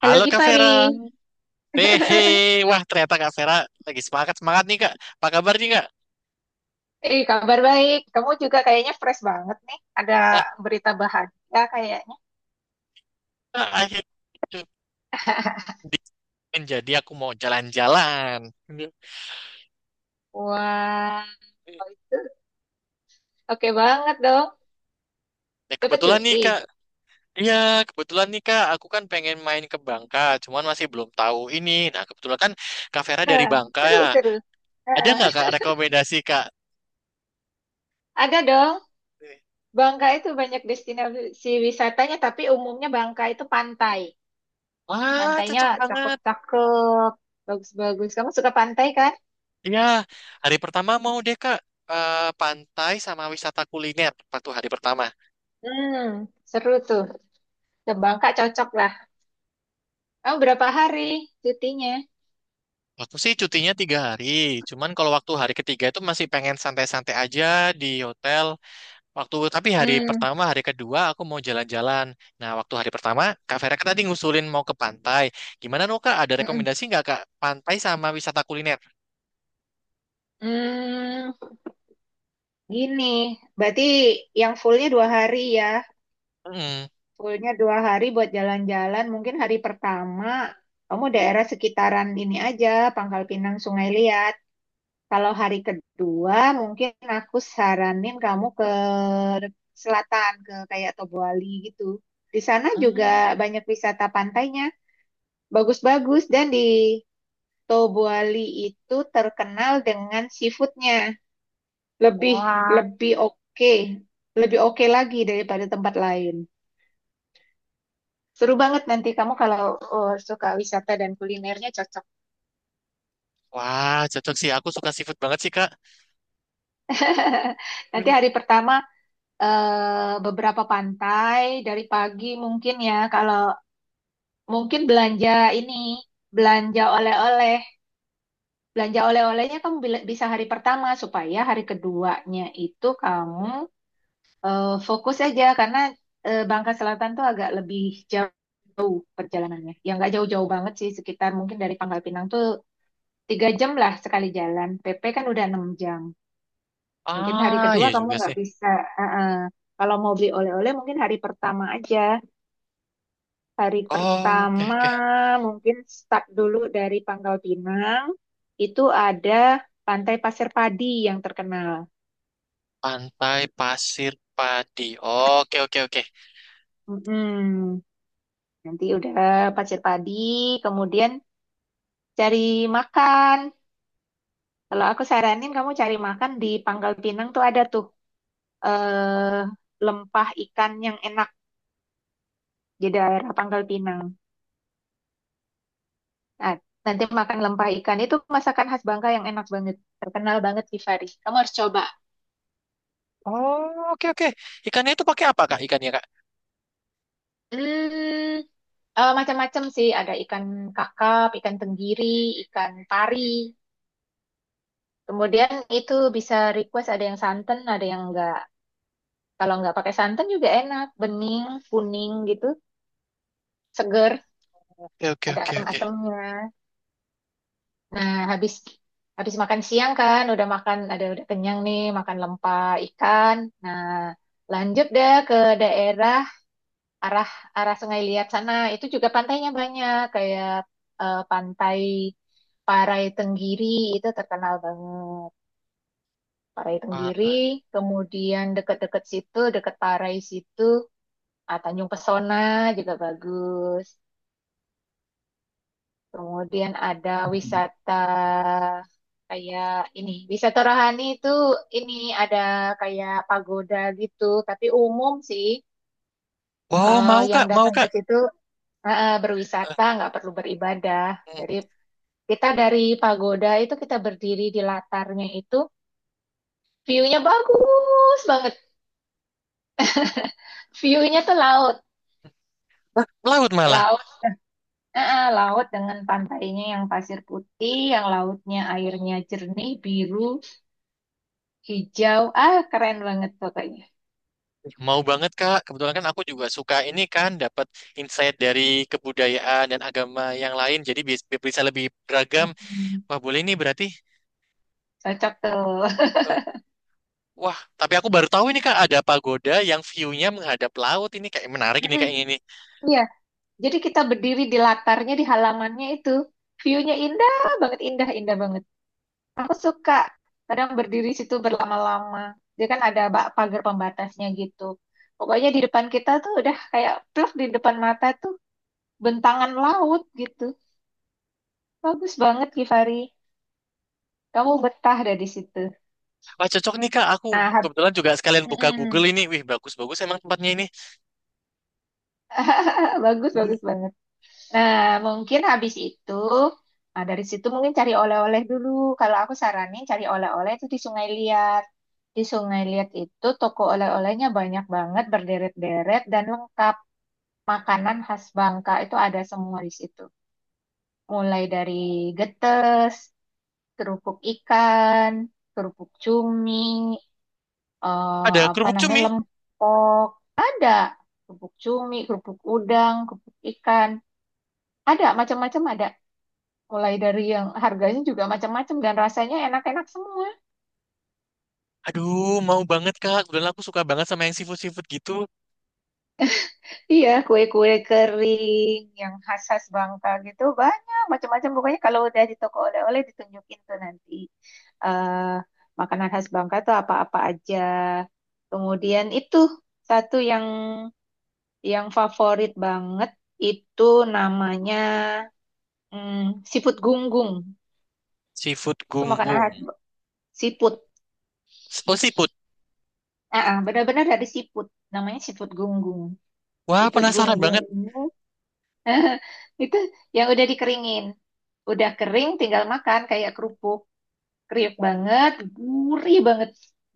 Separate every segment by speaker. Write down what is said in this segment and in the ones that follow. Speaker 1: Halo
Speaker 2: Halo Kak
Speaker 1: Gifari,
Speaker 2: Vera. Hehe. Wah, ternyata Kak Vera lagi semangat-semangat nih Kak. Apa kabar nih Kak?
Speaker 1: kabar baik. Kamu juga kayaknya fresh banget nih. Ada berita bahagia kayaknya.
Speaker 2: Ah, akhirnya menjadi aku mau jalan-jalan.
Speaker 1: Wah, itu oke banget dong.
Speaker 2: Ya,
Speaker 1: Dapat
Speaker 2: kebetulan nih
Speaker 1: cuti.
Speaker 2: Kak. Iya, kebetulan nih Kak. Aku kan pengen main ke Bangka. Cuman masih belum tahu ini. Nah, kebetulan kan Kak Vera dari
Speaker 1: Nah,
Speaker 2: Bangka
Speaker 1: seru
Speaker 2: ya.
Speaker 1: seru.
Speaker 2: Ada
Speaker 1: Heeh.
Speaker 2: nggak Kak rekomendasi Kak?
Speaker 1: Ada dong. Bangka itu banyak destinasi wisatanya, tapi umumnya Bangka itu pantai.
Speaker 2: Wah,
Speaker 1: Pantainya
Speaker 2: cocok banget.
Speaker 1: cakep-cakep, bagus-bagus. Kamu suka pantai kan?
Speaker 2: Iya, hari pertama mau deh Kak. Eh, pantai sama wisata kuliner waktu hari pertama.
Speaker 1: Hmm, Seru tuh. Ke Bangka cocok lah. Kamu berapa hari cutinya?
Speaker 2: Aku sih cutinya tiga hari, cuman kalau waktu hari ketiga itu masih pengen santai-santai aja di hotel. Waktu tapi hari
Speaker 1: Hmm.
Speaker 2: pertama, hari kedua aku mau jalan-jalan. Nah, waktu hari pertama, Kak Vera kan tadi ngusulin mau ke pantai. Gimana no Kak? Ada
Speaker 1: Mm-mm.
Speaker 2: rekomendasi nggak Kak? Pantai sama wisata kuliner?
Speaker 1: Hmm, Gini, berarti yang fullnya 2 hari.
Speaker 2: Mm.
Speaker 1: Fullnya 2 hari jalan-jalan. Mungkin hari pertama kamu daerah sekitaran ini aja, Pangkal Pinang, Sungai Liat. Kalau hari kedua, mungkin aku saranin kamu ke selatan, ke kayak Tobuali gitu. Di sana juga
Speaker 2: Hmm.
Speaker 1: banyak wisata pantainya, bagus-bagus. Dan di Tobuali itu terkenal dengan seafoodnya. Lebih
Speaker 2: Wah.
Speaker 1: lebih oke, lebih oke lagi daripada tempat lain. Seru banget nanti kamu kalau suka wisata dan kulinernya cocok.
Speaker 2: Wah, cocok sih. Aku suka seafood banget sih Kak.
Speaker 1: Nanti
Speaker 2: Hmm.
Speaker 1: hari pertama beberapa pantai dari pagi mungkin ya. Kalau mungkin ini belanja oleh-oleh belanja oleh-olehnya kamu bisa hari pertama, supaya hari keduanya itu kamu fokus aja, karena Bangka Selatan tuh agak lebih jauh jauh perjalanannya. Ya nggak jauh-jauh banget sih, sekitar mungkin dari Pangkal Pinang tuh 3 jam lah sekali jalan. PP kan udah 6 jam. Mungkin hari
Speaker 2: Ah,
Speaker 1: kedua
Speaker 2: iya
Speaker 1: kamu
Speaker 2: juga sih.
Speaker 1: nggak bisa. eh, eh. Kalau mau beli oleh-oleh mungkin hari pertama aja. Hari
Speaker 2: Oh, oke
Speaker 1: pertama
Speaker 2: oke.
Speaker 1: mungkin start dulu dari Pangkal Pinang. Itu ada Pantai Pasir Padi yang terkenal.
Speaker 2: Pantai pasir padi. Oke oke oke.
Speaker 1: Mm-mm. Nanti udah Pasir Padi, kemudian cari makan. Kalau aku saranin kamu cari makan di Pangkal Pinang tuh ada tuh eh, lempah ikan yang enak di daerah Pangkal Pinang. Nah, nanti makan lempah ikan itu masakan khas Bangka yang enak banget, terkenal banget di Faris. Kamu harus coba.
Speaker 2: Oh, oke oke. Ikannya itu pakai apa, Kak? Ikannya, Kak?
Speaker 1: Hmm, Macam-macam sih, ada ikan kakap, ikan tenggiri, ikan pari. Kemudian itu bisa request ada yang santan, ada yang enggak. Kalau enggak pakai santan juga enak, bening, kuning gitu, seger,
Speaker 2: Oke oke
Speaker 1: ada
Speaker 2: oke oke.
Speaker 1: asam-asamnya. Nah, habis habis makan siang kan, udah makan ada udah kenyang nih, makan lempah ikan. Nah, lanjut deh ke daerah arah arah Sungai Liat sana. Itu juga pantainya banyak kayak pantai Parai Tenggiri itu terkenal banget. Parai Tenggiri,
Speaker 2: Parah.
Speaker 1: kemudian deket-deket situ, deket Parai situ, Tanjung Pesona juga bagus. Kemudian ada wisata kayak ini, wisata rohani itu ini ada kayak pagoda gitu, tapi umum sih.
Speaker 2: Wow, mau,
Speaker 1: Yang
Speaker 2: Kak? Mau,
Speaker 1: datang ke
Speaker 2: Kak?
Speaker 1: situ
Speaker 2: Eh,
Speaker 1: berwisata nggak perlu beribadah.
Speaker 2: hmm.
Speaker 1: Dari dari pagoda itu kita berdiri di latarnya, itu view-nya bagus banget, view-nya tuh laut.
Speaker 2: Hah, laut malah.
Speaker 1: Laut, laut dengan pantainya yang pasir putih, yang lautnya airnya jernih, biru, hijau. Ah, keren banget pokoknya.
Speaker 2: Mau banget, Kak. Kebetulan kan aku juga suka ini kan dapat insight dari kebudayaan dan agama yang lain. Jadi bisa lebih beragam.
Speaker 1: Hmm,
Speaker 2: Wah, boleh nih berarti.
Speaker 1: Cocok tuh.
Speaker 2: Eh, wah, tapi aku baru tahu ini Kak ada pagoda yang view-nya menghadap laut ini kayak menarik ini
Speaker 1: Mm-mm,
Speaker 2: kayak ini.
Speaker 1: iya. Jadi kita berdiri di latarnya, di halamannya itu. View-nya indah banget, indah, indah banget. Aku suka. Kadang berdiri situ berlama-lama. Dia kan ada pagar pembatasnya gitu. Pokoknya di depan kita tuh udah kayak pluk di depan mata tuh bentangan laut gitu. Bagus banget, Kifari. Kamu betah deh di situ.
Speaker 2: Wah, cocok nih Kak. Aku
Speaker 1: Nah, hab-
Speaker 2: kebetulan juga sekalian buka Google
Speaker 1: Mm-mm.
Speaker 2: ini. Wih, bagus-bagus emang tempatnya ini.
Speaker 1: Bagus, bagus banget. Nah, mungkin habis itu, nah, dari situ mungkin cari oleh-oleh dulu. Kalau aku saranin cari oleh-oleh itu di Sungai Liat. Di Sungai Liat itu toko oleh-olehnya banyak banget, berderet-deret dan lengkap. Makanan khas Bangka itu ada semua di situ. Mulai dari getes, kerupuk ikan, kerupuk cumi,
Speaker 2: Ada
Speaker 1: apa
Speaker 2: kerupuk
Speaker 1: namanya
Speaker 2: cumi.
Speaker 1: lempok. Ada kerupuk cumi, kerupuk udang, kerupuk ikan. Ada macam-macam ada. Mulai dari yang harganya juga macam-macam dan rasanya enak-enak semua.
Speaker 2: Aduh, mau banget Kak. Kebetulan aku suka banget sama yang seafood-seafood gitu.
Speaker 1: Iya, kue-kue kering yang khas-khas Bangka gitu banyak macam-macam. Pokoknya kalau udah di toko oleh-oleh ditunjukin tuh nanti eh makanan khas Bangka tuh apa-apa aja. Kemudian itu satu yang favorit banget itu namanya, siput gunggung.
Speaker 2: Seafood
Speaker 1: Itu makanan
Speaker 2: gunggung.
Speaker 1: khas siput.
Speaker 2: Oh, seafood.
Speaker 1: Ah, ah, benar-benar dari siput. Namanya siput gunggung.
Speaker 2: Wah,
Speaker 1: Siput
Speaker 2: penasaran
Speaker 1: gunggung
Speaker 2: banget.
Speaker 1: ini itu yang udah dikeringin. Udah kering tinggal makan kayak kerupuk. Kriuk banget, gurih banget.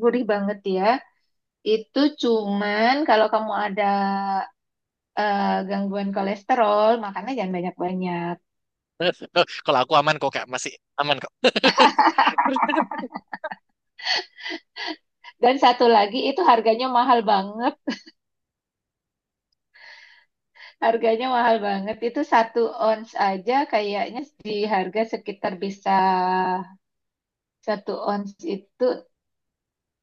Speaker 1: Gurih banget ya. Itu cuman kalau kamu ada eh, gangguan kolesterol, makannya jangan banyak-banyak.
Speaker 2: Kalau aku aman kok, Kak. Masih aman kok.
Speaker 1: Dan satu lagi itu harganya mahal banget. Harganya mahal banget. Itu 1 ons aja kayaknya di harga sekitar bisa, 1 ons itu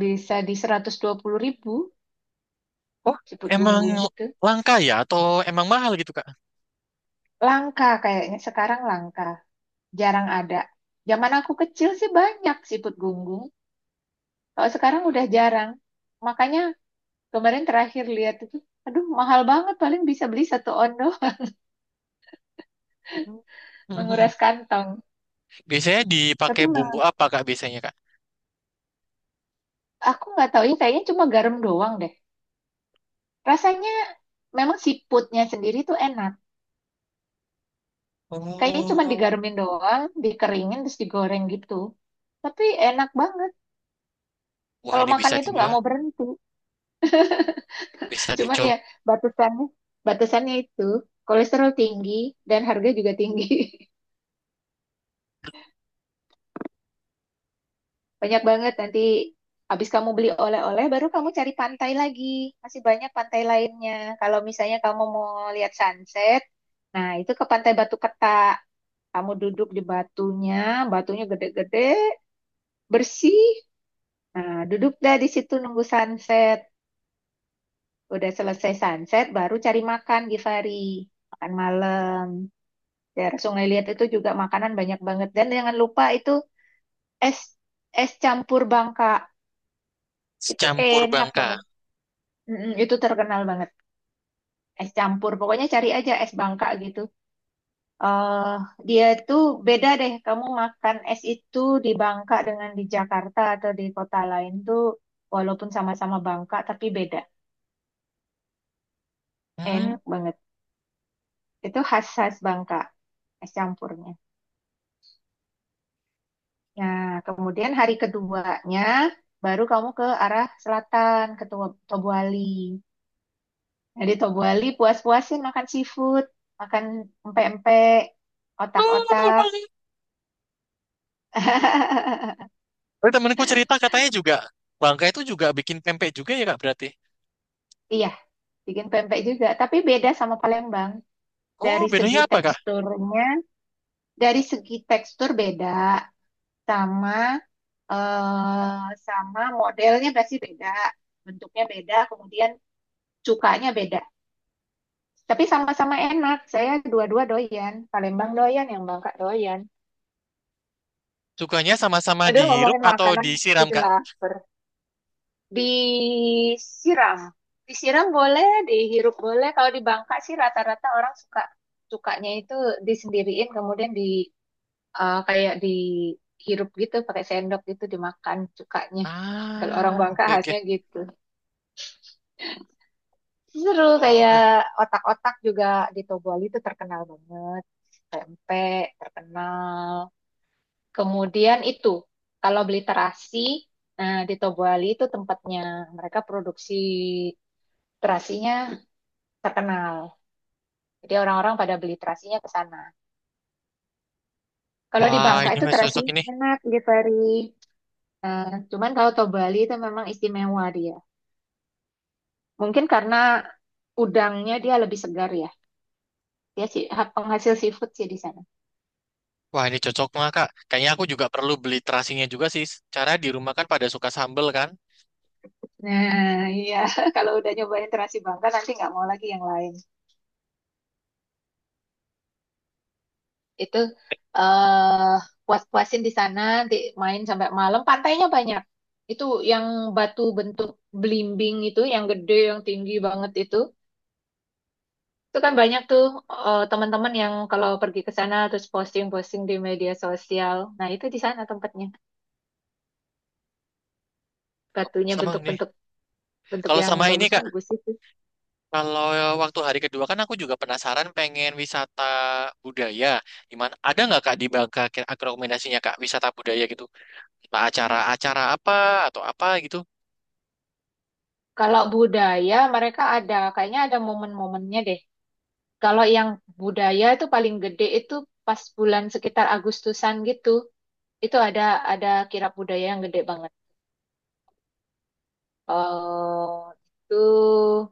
Speaker 1: bisa di 120.000.
Speaker 2: Oh,
Speaker 1: Siput
Speaker 2: emang
Speaker 1: gunggung gitu.
Speaker 2: langka ya? Atau emang mahal gitu, Kak?
Speaker 1: Langka, kayaknya sekarang langka, jarang ada. Zaman aku kecil sih banyak siput gunggung, kalau sekarang udah jarang. Makanya kemarin terakhir lihat itu, aduh mahal banget, paling bisa beli satu ondo.
Speaker 2: Mhm.
Speaker 1: Menguras kantong.
Speaker 2: Biasanya
Speaker 1: Tapi
Speaker 2: dipakai bumbu
Speaker 1: memang
Speaker 2: apa, Kak, biasanya, Kak?
Speaker 1: aku nggak tahu ya, kayaknya cuma garam doang deh. Rasanya memang siputnya sendiri tuh enak. Kayaknya cuma
Speaker 2: Oh,
Speaker 1: digaremin doang, dikeringin terus digoreng gitu. Tapi enak banget.
Speaker 2: wah
Speaker 1: Kalau
Speaker 2: ini bisa
Speaker 1: makan
Speaker 2: di
Speaker 1: itu
Speaker 2: ya,
Speaker 1: nggak mau berhenti.
Speaker 2: bisa
Speaker 1: Cuman
Speaker 2: dicoba
Speaker 1: ya batasannya batasannya itu kolesterol tinggi dan harga juga tinggi. Banyak banget nanti. Habis kamu beli oleh-oleh baru kamu cari pantai lagi. Masih banyak pantai lainnya. Kalau misalnya kamu mau lihat sunset, nah itu ke Pantai Batu Ketak. Kamu duduk di batunya, batunya gede-gede, bersih. Nah, duduk dah di situ nunggu sunset. Udah selesai sunset, baru cari makan, Givari. Makan malam. Daerah Sungai Liat itu juga makanan banyak banget. Dan jangan lupa itu es es campur Bangka. Itu
Speaker 2: campur
Speaker 1: enak
Speaker 2: bangka.
Speaker 1: banget. Mm-mm, itu terkenal banget. Es campur. Pokoknya cari aja es Bangka gitu. eh Dia tuh beda deh. Kamu makan es itu di Bangka dengan di Jakarta atau di kota lain tuh walaupun sama-sama Bangka tapi beda.
Speaker 2: Hmm.
Speaker 1: Enak banget. Itu khas-khas Bangka es campurnya. Nah, kemudian hari keduanya baru kamu ke arah selatan, ke Tobuali. Nah, di Tobuali puas-puasin makan seafood, makan empek-empek,
Speaker 2: Oh, aduh,
Speaker 1: otak-otak.
Speaker 2: Bang. Oh, temanku cerita katanya juga bangka itu juga bikin pempek juga ya, Kak, berarti.
Speaker 1: Iya, bikin pempek juga, tapi beda sama Palembang.
Speaker 2: Oh,
Speaker 1: Dari segi
Speaker 2: bedanya apa, Kak?
Speaker 1: teksturnya, dari segi tekstur beda, sama sama modelnya pasti beda, bentuknya beda, kemudian cukanya beda. Tapi sama-sama enak. Saya dua-dua doyan. Palembang doyan, yang Bangka doyan.
Speaker 2: Sukanya sama-sama
Speaker 1: Aduh,
Speaker 2: dihirup
Speaker 1: ngomongin
Speaker 2: atau
Speaker 1: makanan
Speaker 2: disiram,
Speaker 1: jadi
Speaker 2: Kak?
Speaker 1: lapar. Disiram. Disiram boleh, dihirup boleh. Kalau di Bangka sih rata-rata orang sukanya itu disendiriin kemudian kayak dihirup gitu pakai sendok gitu dimakan sukanya. Kalau orang
Speaker 2: Ah,
Speaker 1: Bangka
Speaker 2: oke oke.
Speaker 1: khasnya gitu. Seru.
Speaker 2: Oh,
Speaker 1: Kayak
Speaker 2: oke.
Speaker 1: otak-otak juga di Toboli itu terkenal banget. Tempe terkenal. Kemudian itu, kalau beli terasi, nah di Tobuali itu tempatnya mereka produksi terasinya terkenal. Jadi orang-orang pada beli terasinya ke sana. Kalau di
Speaker 2: Wah,
Speaker 1: Bangka
Speaker 2: ini
Speaker 1: itu
Speaker 2: mah cocok
Speaker 1: terasinya
Speaker 2: ini.
Speaker 1: enak di Ferry. Cuman kalau Tobuali itu memang istimewa dia. Mungkin karena udangnya dia lebih segar ya. Dia sih penghasil seafood sih di sana.
Speaker 2: Wah, ini cocok banget, Kak. Kayaknya aku juga perlu beli terasinya juga sih. Cara di rumah kan pada suka sambel kan.
Speaker 1: Nah, iya. Kalau udah nyobain terasi Bangka nanti nggak mau lagi yang lain. Itu, eh puas-puasin di sana nanti main sampai malam. Pantainya banyak, itu yang batu bentuk belimbing itu, yang gede, yang tinggi banget itu kan banyak tuh. Teman-teman yang kalau pergi ke sana terus posting-posting di media sosial, nah itu di sana tempatnya. Batunya
Speaker 2: Sama ini.
Speaker 1: bentuk-bentuk
Speaker 2: Kalau
Speaker 1: yang
Speaker 2: sama ini, Kak.
Speaker 1: bagus-bagus itu.
Speaker 2: Kalau waktu hari kedua kan aku juga penasaran pengen wisata budaya. Gimana? Ada nggak, Kak, di Bangka kira rekomendasinya, Kak, wisata budaya gitu? Entah acara-acara apa atau apa gitu?
Speaker 1: Kalau budaya mereka ada, kayaknya ada momen-momennya deh. Kalau yang budaya itu paling gede itu pas bulan sekitar Agustusan gitu. Itu ada kirab budaya yang gede banget. Eh itu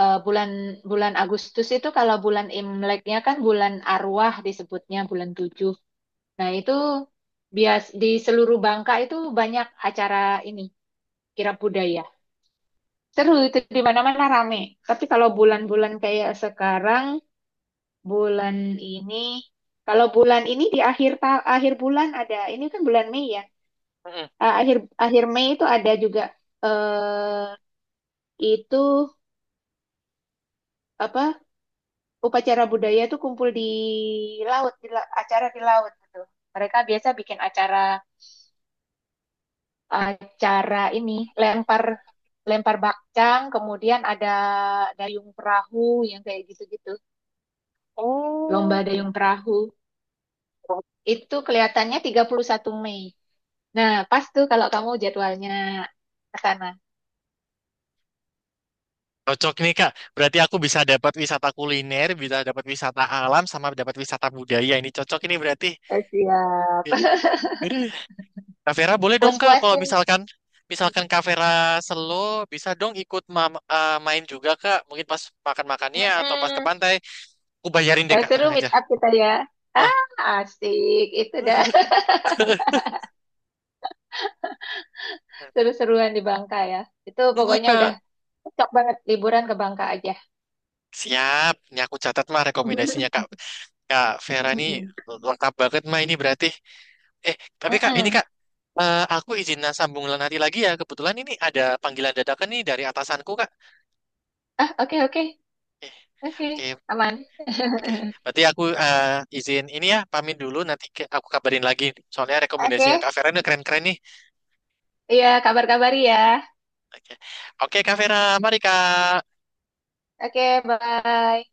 Speaker 1: bulan bulan Agustus itu, kalau bulan Imleknya kan bulan arwah, disebutnya bulan tujuh. Nah, itu bias di seluruh Bangka itu banyak acara ini kirab budaya. Seru itu, di mana-mana rame. Tapi kalau bulan-bulan kayak sekarang, bulan ini, di akhir akhir bulan, ada ini kan bulan Mei ya. Akhir akhir Mei itu ada juga eh itu apa upacara budaya itu kumpul di laut, acara di laut gitu. Mereka biasa bikin acara acara ini lempar, lempar bakcang, kemudian ada dayung perahu yang kayak gitu-gitu, lomba dayung perahu. Itu kelihatannya 31 Mei, nah pas tuh kalau kamu jadwalnya ke sana.
Speaker 2: Cocok nih Kak, berarti aku bisa dapat wisata kuliner, bisa dapat wisata alam, sama dapat wisata budaya. Ini cocok ini berarti.
Speaker 1: Siap.
Speaker 2: Ya. Aduh. Kak Vera boleh dong Kak, kalau
Speaker 1: Puas-puasin.
Speaker 2: misalkan misalkan Kak Vera selo, bisa dong ikut main juga Kak. Mungkin pas makan-makannya atau pas ke
Speaker 1: Mm-mm.
Speaker 2: pantai, aku bayarin deh
Speaker 1: Wah,
Speaker 2: Kak,
Speaker 1: seru
Speaker 2: tenang
Speaker 1: meet
Speaker 2: aja.
Speaker 1: up kita ya.
Speaker 2: Eh,
Speaker 1: ah Asik itu dah. Seru-seruan di Bangka ya. Itu
Speaker 2: mm, mm,
Speaker 1: pokoknya udah
Speaker 2: Kak.
Speaker 1: cocok banget liburan ke Bangka aja.
Speaker 2: Siap, ini aku catat mah rekomendasinya Kak Kak Vera ini
Speaker 1: Mm-mm.
Speaker 2: lengkap banget mah ini berarti. Eh, tapi Kak, ini
Speaker 1: Mm-mm.
Speaker 2: Kak, aku izin sambung lain hati lagi ya. Kebetulan ini ada panggilan dadakan nih dari atasanku Kak.
Speaker 1: Ah, oke oke. Oke,
Speaker 2: Eh, oke,
Speaker 1: aman.
Speaker 2: oke. Berarti aku izin ini ya, pamit dulu nanti aku kabarin lagi. Soalnya rekomendasinya
Speaker 1: Oke.
Speaker 2: Kak Vera ini keren-keren nih.
Speaker 1: Iya, kabar-kabari ya.
Speaker 2: Oke, oke Kak Vera, mari Kak.
Speaker 1: Oke, bye.